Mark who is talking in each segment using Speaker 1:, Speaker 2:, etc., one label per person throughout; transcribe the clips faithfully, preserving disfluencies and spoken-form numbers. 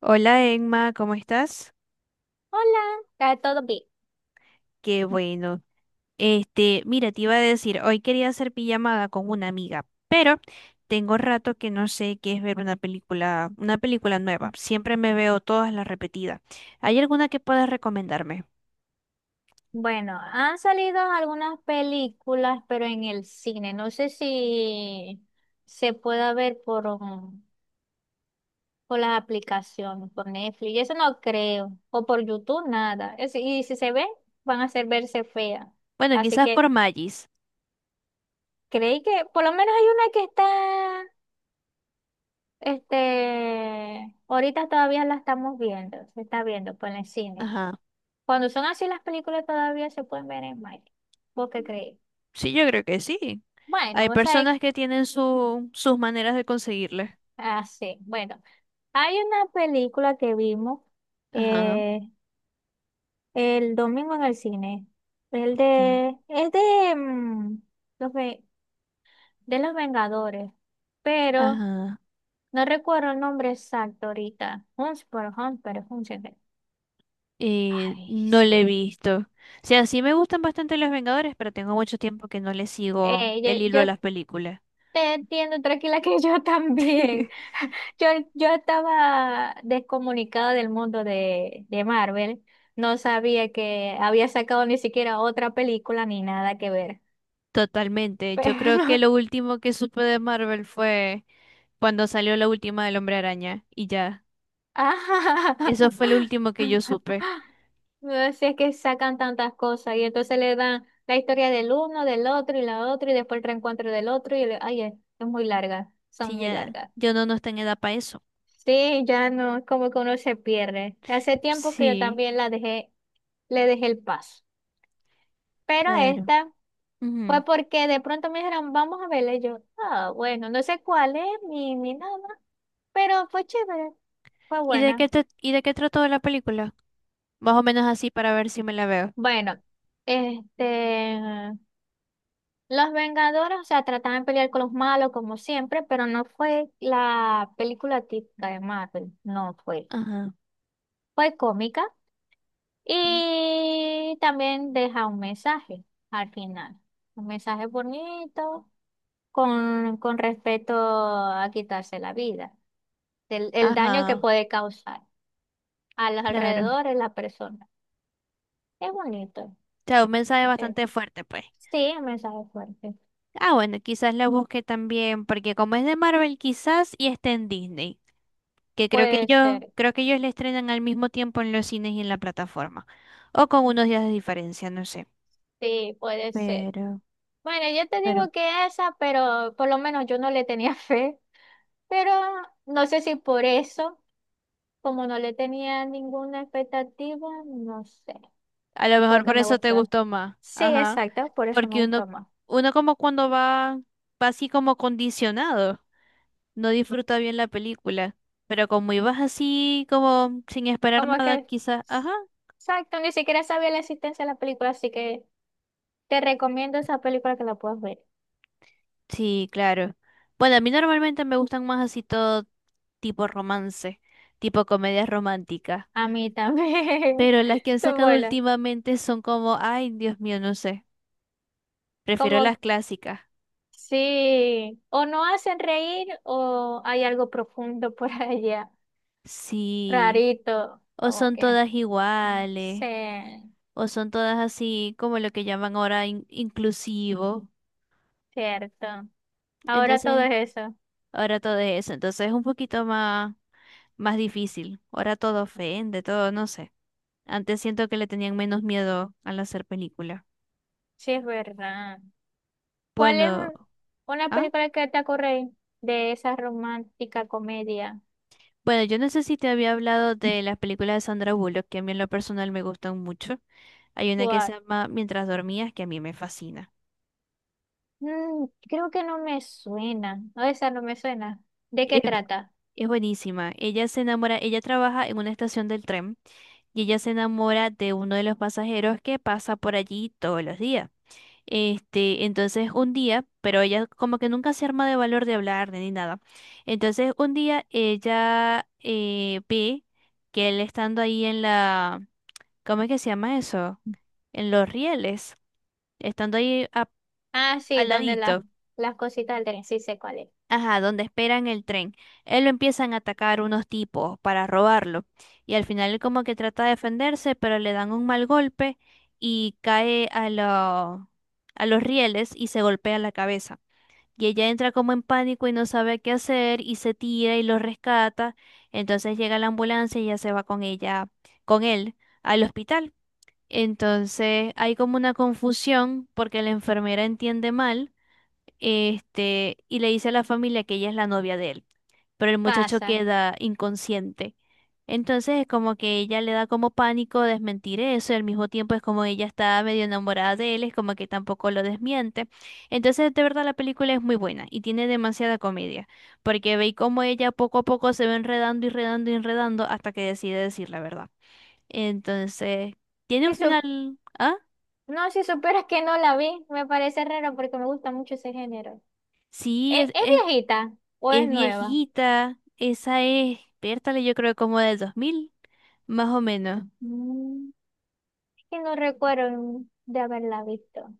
Speaker 1: Hola Emma, ¿cómo estás?
Speaker 2: Hola, ¿está todo bien?
Speaker 1: Qué bueno. Este, mira, te iba a decir, hoy quería hacer pijamada con una amiga, pero tengo rato que no sé qué es ver una película, una película nueva. Siempre me veo todas las repetidas. ¿Hay alguna que puedas recomendarme?
Speaker 2: Bueno, han salido algunas películas, pero en el cine. No sé si se pueda ver por, um, por las aplicaciones, por Netflix. Eso no creo. O por YouTube, nada. Es- y si se ve, van a hacer verse feas.
Speaker 1: Bueno,
Speaker 2: Así
Speaker 1: quizás por
Speaker 2: que
Speaker 1: Magis.
Speaker 2: creí que por lo menos hay una que está, este, ahorita todavía la estamos viendo. Se está viendo por el cine.
Speaker 1: Ajá.
Speaker 2: Cuando son así las películas todavía se pueden ver en Mike. ¿Vos qué crees?
Speaker 1: Sí, yo creo que sí.
Speaker 2: Bueno,
Speaker 1: Hay
Speaker 2: vos sabés,
Speaker 1: personas que tienen su, sus maneras de conseguirle.
Speaker 2: así bueno, hay una película que vimos
Speaker 1: Ajá.
Speaker 2: eh, el domingo en el cine, el
Speaker 1: ¿Qué?
Speaker 2: de, es de, mm, los, ve- de los Vengadores, pero
Speaker 1: Ajá.
Speaker 2: no recuerdo el nombre exacto ahorita, Hunts por Hunts, pero Hunts,
Speaker 1: Eh,
Speaker 2: ay,
Speaker 1: no le he
Speaker 2: sí.
Speaker 1: visto. O sea, sí me gustan bastante los Vengadores, pero tengo mucho tiempo que no le sigo
Speaker 2: Eh,
Speaker 1: el hilo
Speaker 2: yo,
Speaker 1: a
Speaker 2: yo
Speaker 1: las películas.
Speaker 2: Te entiendo, tranquila, que yo también. Yo, yo estaba descomunicada del mundo de, de Marvel. No sabía que había sacado ni siquiera otra película ni nada que ver.
Speaker 1: Totalmente. Yo creo que
Speaker 2: Pero,
Speaker 1: lo último que supe de Marvel fue cuando salió la última del Hombre Araña y ya.
Speaker 2: ajá.
Speaker 1: Eso fue lo último que yo supe.
Speaker 2: No sé, es que sacan tantas cosas y entonces le dan la historia del uno, del otro y la otra y después el reencuentro del otro y le- ay, es es muy larga, son
Speaker 1: Sí,
Speaker 2: muy
Speaker 1: ya.
Speaker 2: largas.
Speaker 1: Yo no, No estoy en edad para eso.
Speaker 2: Sí, ya no, es como que uno se pierde. Hace tiempo que yo
Speaker 1: Sí,
Speaker 2: también la dejé le dejé el paso. Pero
Speaker 1: claro.
Speaker 2: esta
Speaker 1: Ujú.
Speaker 2: fue porque de pronto me dijeron, vamos a verla. Y yo, ah, bueno, no sé cuál es ni, ni nada, pero fue chévere, fue
Speaker 1: ¿Y de
Speaker 2: buena.
Speaker 1: qué te- ¿y de qué trató la película? Más o menos así para ver si me la veo.
Speaker 2: Bueno, este, los Vengadores, o sea, trataban de pelear con los malos como siempre, pero no fue la película típica de Marvel, no fue.
Speaker 1: Ajá.
Speaker 2: Fue cómica y también deja un mensaje al final. Un mensaje bonito, con, con respecto a quitarse la vida, el, el daño que
Speaker 1: Ajá,
Speaker 2: puede causar a los
Speaker 1: claro.
Speaker 2: alrededores, la persona. Es bonito.
Speaker 1: O sea, un mensaje
Speaker 2: ¿Viste?
Speaker 1: bastante fuerte, pues.
Speaker 2: Sí, un mensaje fuerte.
Speaker 1: Ah, bueno, quizás la busque también, porque como es de Marvel, quizás y esté en Disney, que creo que
Speaker 2: Puede
Speaker 1: yo,
Speaker 2: ser,
Speaker 1: creo que ellos la estrenan al mismo tiempo en los cines y en la plataforma, o con unos días de diferencia, no sé.
Speaker 2: sí, puede ser.
Speaker 1: Pero,
Speaker 2: Bueno, yo te
Speaker 1: pero
Speaker 2: digo que esa, pero por lo menos yo no le tenía fe, pero no sé si por eso, como no le tenía ninguna expectativa, no sé,
Speaker 1: a lo mejor
Speaker 2: fue que
Speaker 1: por
Speaker 2: me
Speaker 1: eso te
Speaker 2: gustó.
Speaker 1: gustó más,
Speaker 2: Sí,
Speaker 1: ajá,
Speaker 2: exacto, por eso me
Speaker 1: porque uno,
Speaker 2: gustó más.
Speaker 1: uno como cuando va, va así como condicionado, no disfruta bien la película, pero como ibas así como sin esperar
Speaker 2: Como
Speaker 1: nada,
Speaker 2: que,
Speaker 1: quizás, ajá.
Speaker 2: exacto, ni siquiera sabía la existencia de la película, así que te recomiendo esa película que la puedas ver.
Speaker 1: Sí, claro. Bueno, a mí normalmente me gustan más así todo tipo romance, tipo comedias románticas.
Speaker 2: A mí también.
Speaker 1: Pero las que han sacado
Speaker 2: Bueno,
Speaker 1: últimamente son como, ay, Dios mío, no sé. Prefiero las
Speaker 2: como
Speaker 1: clásicas.
Speaker 2: sí, o no hacen reír o hay algo profundo por allá,
Speaker 1: Sí.
Speaker 2: rarito,
Speaker 1: O
Speaker 2: como
Speaker 1: son
Speaker 2: que.
Speaker 1: todas
Speaker 2: Sí,
Speaker 1: iguales. O son todas así como lo que llaman ahora in- inclusivo.
Speaker 2: cierto. Ahora todo
Speaker 1: Entonces,
Speaker 2: es eso.
Speaker 1: ahora todo es eso. Entonces es un poquito más, más difícil. Ahora todo ofende, todo, no sé. Antes siento que le tenían menos miedo al hacer películas.
Speaker 2: Sí, es verdad. ¿Cuál es
Speaker 1: Bueno,
Speaker 2: un- una
Speaker 1: ah,
Speaker 2: película que te ocurre de esa romántica comedia?
Speaker 1: bueno, yo no sé si te había hablado de las películas de Sandra Bullock, que a mí en lo personal me gustan mucho. Hay una que se
Speaker 2: Cuál.
Speaker 1: llama Mientras dormías, que a mí me fascina.
Speaker 2: Mm, creo que no me suena. No, esa no me suena. ¿De qué
Speaker 1: Es,
Speaker 2: trata?
Speaker 1: es buenísima. Ella se enamora, ella trabaja en una estación del tren y ella se enamora de uno de los pasajeros que pasa por allí todos los días. Este, entonces un día, pero ella como que nunca se arma de valor de hablar ni nada. Entonces un día ella eh, ve que él estando ahí en la ¿Cómo es que se llama eso? En los rieles, estando ahí a-
Speaker 2: Ah, sí,
Speaker 1: al
Speaker 2: donde las
Speaker 1: ladito,
Speaker 2: las cositas del tren. Sí sé cuál es.
Speaker 1: ajá, donde esperan el tren. Él lo empiezan a atacar unos tipos para robarlo. Y al final él como que trata de defenderse, pero le dan un mal golpe y cae a lo- a los rieles y se golpea la cabeza. Y ella entra como en pánico y no sabe qué hacer y se tira y lo rescata. Entonces llega la ambulancia y ya se va con ella, con él, al hospital. Entonces hay como una confusión porque la enfermera entiende mal, este, y le dice a la familia que ella es la novia de él, pero el muchacho
Speaker 2: Pasa.
Speaker 1: queda inconsciente. Entonces es como que ella le da como pánico desmentir eso, y al mismo tiempo es como ella está medio enamorada de él, es como que tampoco lo desmiente. Entonces de verdad la película es muy buena y tiene demasiada comedia, porque ve cómo ella poco a poco se va enredando y enredando y enredando hasta que decide decir la verdad. Entonces, tiene un
Speaker 2: Si sup-
Speaker 1: final. ¿Ah?
Speaker 2: no, si supieras que no la vi, me parece raro porque me gusta mucho ese género.
Speaker 1: Sí,
Speaker 2: ¿E-
Speaker 1: es,
Speaker 2: ¿Es,
Speaker 1: es,
Speaker 2: viejita o es
Speaker 1: es
Speaker 2: nueva?
Speaker 1: viejita. Esa es, Pértale, yo creo como del dos mil, más o menos.
Speaker 2: Mm, es que no recuerdo de haberla visto.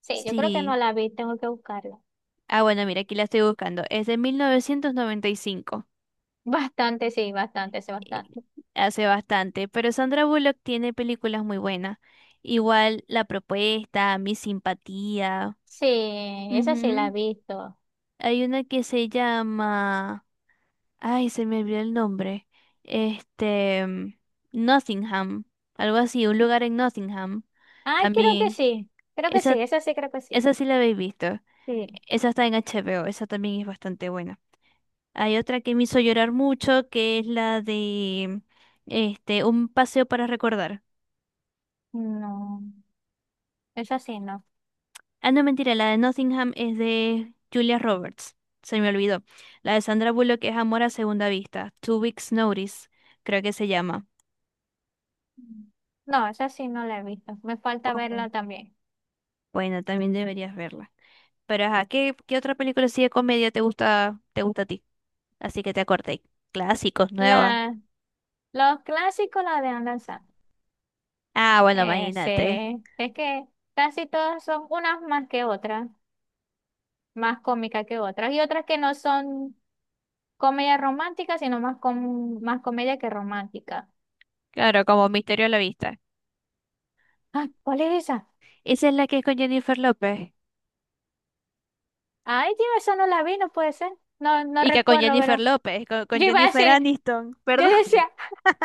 Speaker 2: Sí, yo creo que no
Speaker 1: Sí.
Speaker 2: la vi, tengo que buscarla.
Speaker 1: Ah, bueno, mira, aquí la estoy buscando. Es de mil novecientos noventa y cinco.
Speaker 2: Bastante, sí, bastante, sí,
Speaker 1: eh,
Speaker 2: bastante.
Speaker 1: Hace bastante. Pero Sandra Bullock tiene películas muy buenas. Igual La Propuesta, Mi Simpatía.
Speaker 2: Sí, esa sí la he
Speaker 1: Ujú.
Speaker 2: visto.
Speaker 1: Hay una que se llama. Ay, se me olvidó el nombre. Este, mm, Nottingham, algo así, un lugar en Nottingham.
Speaker 2: Ah, creo que
Speaker 1: También,
Speaker 2: sí. Creo que
Speaker 1: esa,
Speaker 2: sí, esa sí creo que sí.
Speaker 1: esa sí la habéis visto.
Speaker 2: Sí.
Speaker 1: Esa está en H B O, esa también es bastante buena. Hay otra que me hizo llorar mucho, que es la de este, Un paseo para recordar.
Speaker 2: No, esa sí no.
Speaker 1: Ah, no, mentira, la de Nottingham es de Julia Roberts. Se me olvidó. La de Sandra Bullock es Amor a segunda vista. Two Weeks Notice, creo que se llama.
Speaker 2: No, esa sí no la he visto. Me falta
Speaker 1: Poco.
Speaker 2: verla también.
Speaker 1: Bueno, también deberías verla. Pero ajá, ¿qué, ¿qué otra película así de comedia te gusta, te gusta a ti? Así que te acordé. Clásicos, nuevas.
Speaker 2: La, los clásicos, la de Adam Sandler.
Speaker 1: Ah, bueno, imagínate.
Speaker 2: Ese, es que casi todas son unas más que otras, más cómicas que otras, y otras que no son comedia romántica, sino más, com- más comedia que romántica.
Speaker 1: Claro, como Misterio a la Vista.
Speaker 2: Ah, ¿cuál es esa?
Speaker 1: Esa es la que es con Jennifer López.
Speaker 2: Ay, tío, esa no la vi, no puede ser. No, no
Speaker 1: Y que con
Speaker 2: recuerdo,
Speaker 1: Jennifer
Speaker 2: ¿verdad?
Speaker 1: López, con, con
Speaker 2: Yo iba a
Speaker 1: Jennifer
Speaker 2: decir,
Speaker 1: Aniston,
Speaker 2: yo
Speaker 1: perdón.
Speaker 2: decía,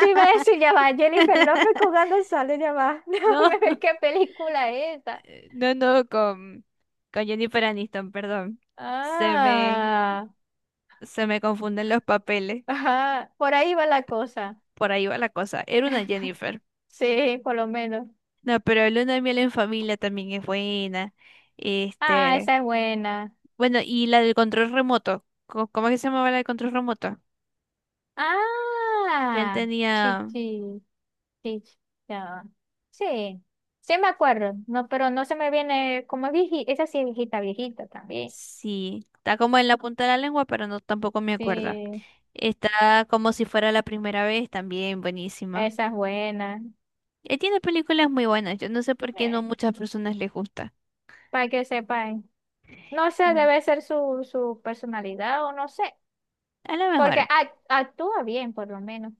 Speaker 2: yo iba a decir, ya va, Jennifer López con Adam Sandler, ya va,
Speaker 1: No,
Speaker 2: déjame ver qué película es esa.
Speaker 1: no, no, con, con Jennifer Aniston, perdón. Se me,
Speaker 2: Ah,
Speaker 1: Se me confunden los papeles.
Speaker 2: ajá, por ahí va la cosa.
Speaker 1: Por ahí va la cosa. Era una Jennifer.
Speaker 2: Sí, por lo menos.
Speaker 1: No, pero luna de miel en familia también es buena.
Speaker 2: Ah,
Speaker 1: Este,
Speaker 2: esa es buena.
Speaker 1: bueno, y la del control remoto. ¿Cómo, ¿cómo es que se llamaba la del control remoto? Que él
Speaker 2: Ah,
Speaker 1: tenía,
Speaker 2: chichi, chichi, ya va. Sí, sí me acuerdo, no, pero no se me viene como viejita, esa sí es viejita, viejita también.
Speaker 1: sí, está como en la punta de la lengua, pero no tampoco me acuerdo.
Speaker 2: Sí,
Speaker 1: Está como si fuera la primera vez, también buenísima.
Speaker 2: esa es buena.
Speaker 1: Él tiene películas muy buenas. Yo no sé por qué no
Speaker 2: Eh,
Speaker 1: muchas personas les gusta.
Speaker 2: para que sepan. No sé,
Speaker 1: Y
Speaker 2: debe ser su, su personalidad o no sé,
Speaker 1: a lo
Speaker 2: porque
Speaker 1: mejor,
Speaker 2: ac- actúa bien por lo menos.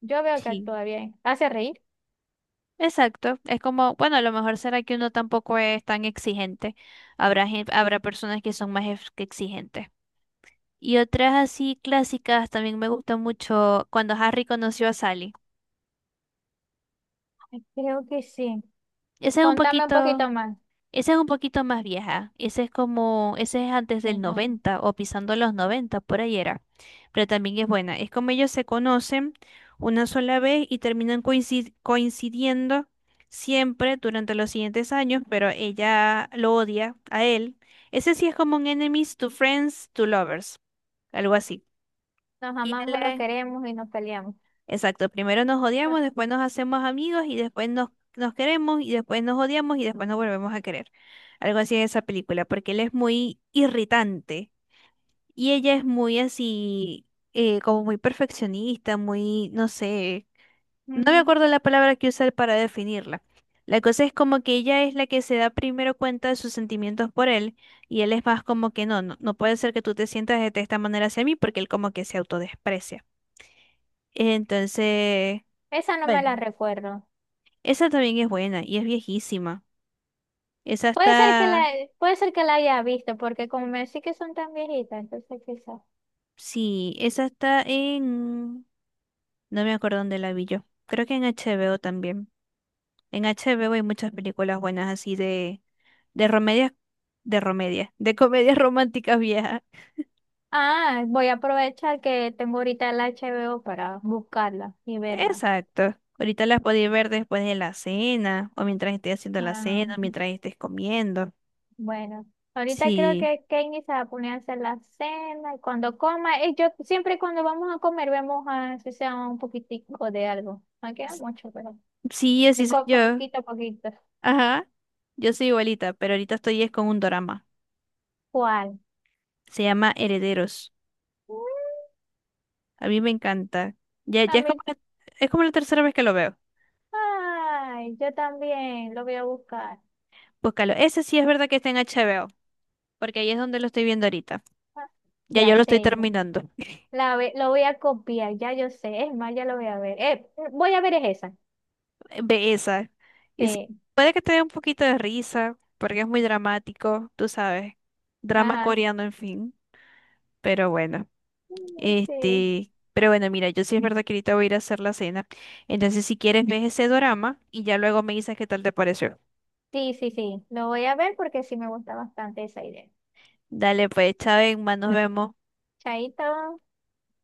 Speaker 2: Yo veo que
Speaker 1: sí.
Speaker 2: actúa bien. ¿Hace reír?
Speaker 1: Exacto, es como, bueno, a lo mejor será que uno tampoco es tan exigente. Habrá gen- habrá personas que son más ex- que exigentes. Y otras así clásicas también me gustó mucho cuando Harry conoció a Sally.
Speaker 2: Ay, creo que sí.
Speaker 1: Esa es un
Speaker 2: Contame un
Speaker 1: poquito,
Speaker 2: poquito más.
Speaker 1: esa es un poquito más vieja. Ese es como, ese es antes del
Speaker 2: Ajá.
Speaker 1: noventa o pisando los noventa por ahí era. Pero también es buena. Es como ellos se conocen una sola vez y terminan coincid- coincidiendo siempre durante los siguientes años, pero ella lo odia a él. Ese sí es como un enemies to friends to lovers, algo así.
Speaker 2: Nos
Speaker 1: Y
Speaker 2: amamos, nos
Speaker 1: él
Speaker 2: queremos y nos peleamos.
Speaker 1: Exacto, primero nos odiamos, después nos hacemos amigos y después nos, nos queremos y después nos odiamos y después nos volvemos a querer. Algo así es esa película, porque él es muy irritante y ella es muy así, eh, como muy perfeccionista, muy, no sé, no me
Speaker 2: Mm,
Speaker 1: acuerdo la palabra que usar para definirla. La cosa es como que ella es la que se da primero cuenta de sus sentimientos por él y él es más como que no, no, no puede ser que tú te sientas de esta manera hacia mí porque él como que se autodesprecia. Entonces...
Speaker 2: esa no me la
Speaker 1: Bueno.
Speaker 2: recuerdo.
Speaker 1: Esa también es buena y es viejísima. Esa
Speaker 2: Puede ser que la,
Speaker 1: está,
Speaker 2: puede ser que la haya visto, porque como me decís que son tan viejitas, entonces quizás.
Speaker 1: sí, esa está en, no me acuerdo dónde la vi yo. Creo que en H B O también. En H B O hay muchas películas buenas así de, de romedias, de romedias, de comedias románticas viejas.
Speaker 2: Ah, voy a aprovechar que tengo ahorita el H B O para buscarla y verla.
Speaker 1: Exacto. Ahorita las podéis ver después de la cena o mientras estés haciendo la
Speaker 2: Ah.
Speaker 1: cena, mientras estés comiendo.
Speaker 2: Bueno, ahorita creo
Speaker 1: Sí,
Speaker 2: que Kenny se va a poner a hacer la cena y cuando coma, y yo siempre cuando vamos a comer vemos a si sea un poquitico de algo. No queda
Speaker 1: s-
Speaker 2: mucho, pero
Speaker 1: sí, así
Speaker 2: de
Speaker 1: soy
Speaker 2: co-
Speaker 1: yo.
Speaker 2: poquito a poquito.
Speaker 1: Ajá. Yo soy igualita, pero ahorita estoy es con un drama.
Speaker 2: ¿Cuál?
Speaker 1: Se llama Herederos.
Speaker 2: Mm,
Speaker 1: A mí me encanta. Ya,
Speaker 2: a
Speaker 1: ya es como
Speaker 2: mí,
Speaker 1: la, es como la tercera vez que lo veo.
Speaker 2: ay, yo también lo voy a buscar.
Speaker 1: Búscalo. Ese sí es verdad que está en H B O, porque ahí es donde lo estoy viendo ahorita.
Speaker 2: Ah,
Speaker 1: Ya
Speaker 2: ya
Speaker 1: yo lo estoy
Speaker 2: sé,
Speaker 1: terminando.
Speaker 2: la, ve- lo voy a copiar, ya yo sé, es más, ya lo voy a ver. Eh, voy a ver es esa.
Speaker 1: Ve esa. Y sí,
Speaker 2: Sí,
Speaker 1: puede que te dé un poquito de risa, porque es muy dramático, tú sabes. Drama
Speaker 2: ajá.
Speaker 1: coreano, en fin. Pero bueno,
Speaker 2: Mm, Sí,
Speaker 1: este, pero bueno, mira, yo sí es verdad que ahorita voy a ir a hacer la cena. Entonces, si quieres, ves ese drama y ya luego me dices qué tal te pareció.
Speaker 2: sí, sí, sí, lo voy a ver porque sí me gusta bastante esa idea.
Speaker 1: Dale, pues, Chávez, más nos vemos.
Speaker 2: Chaito.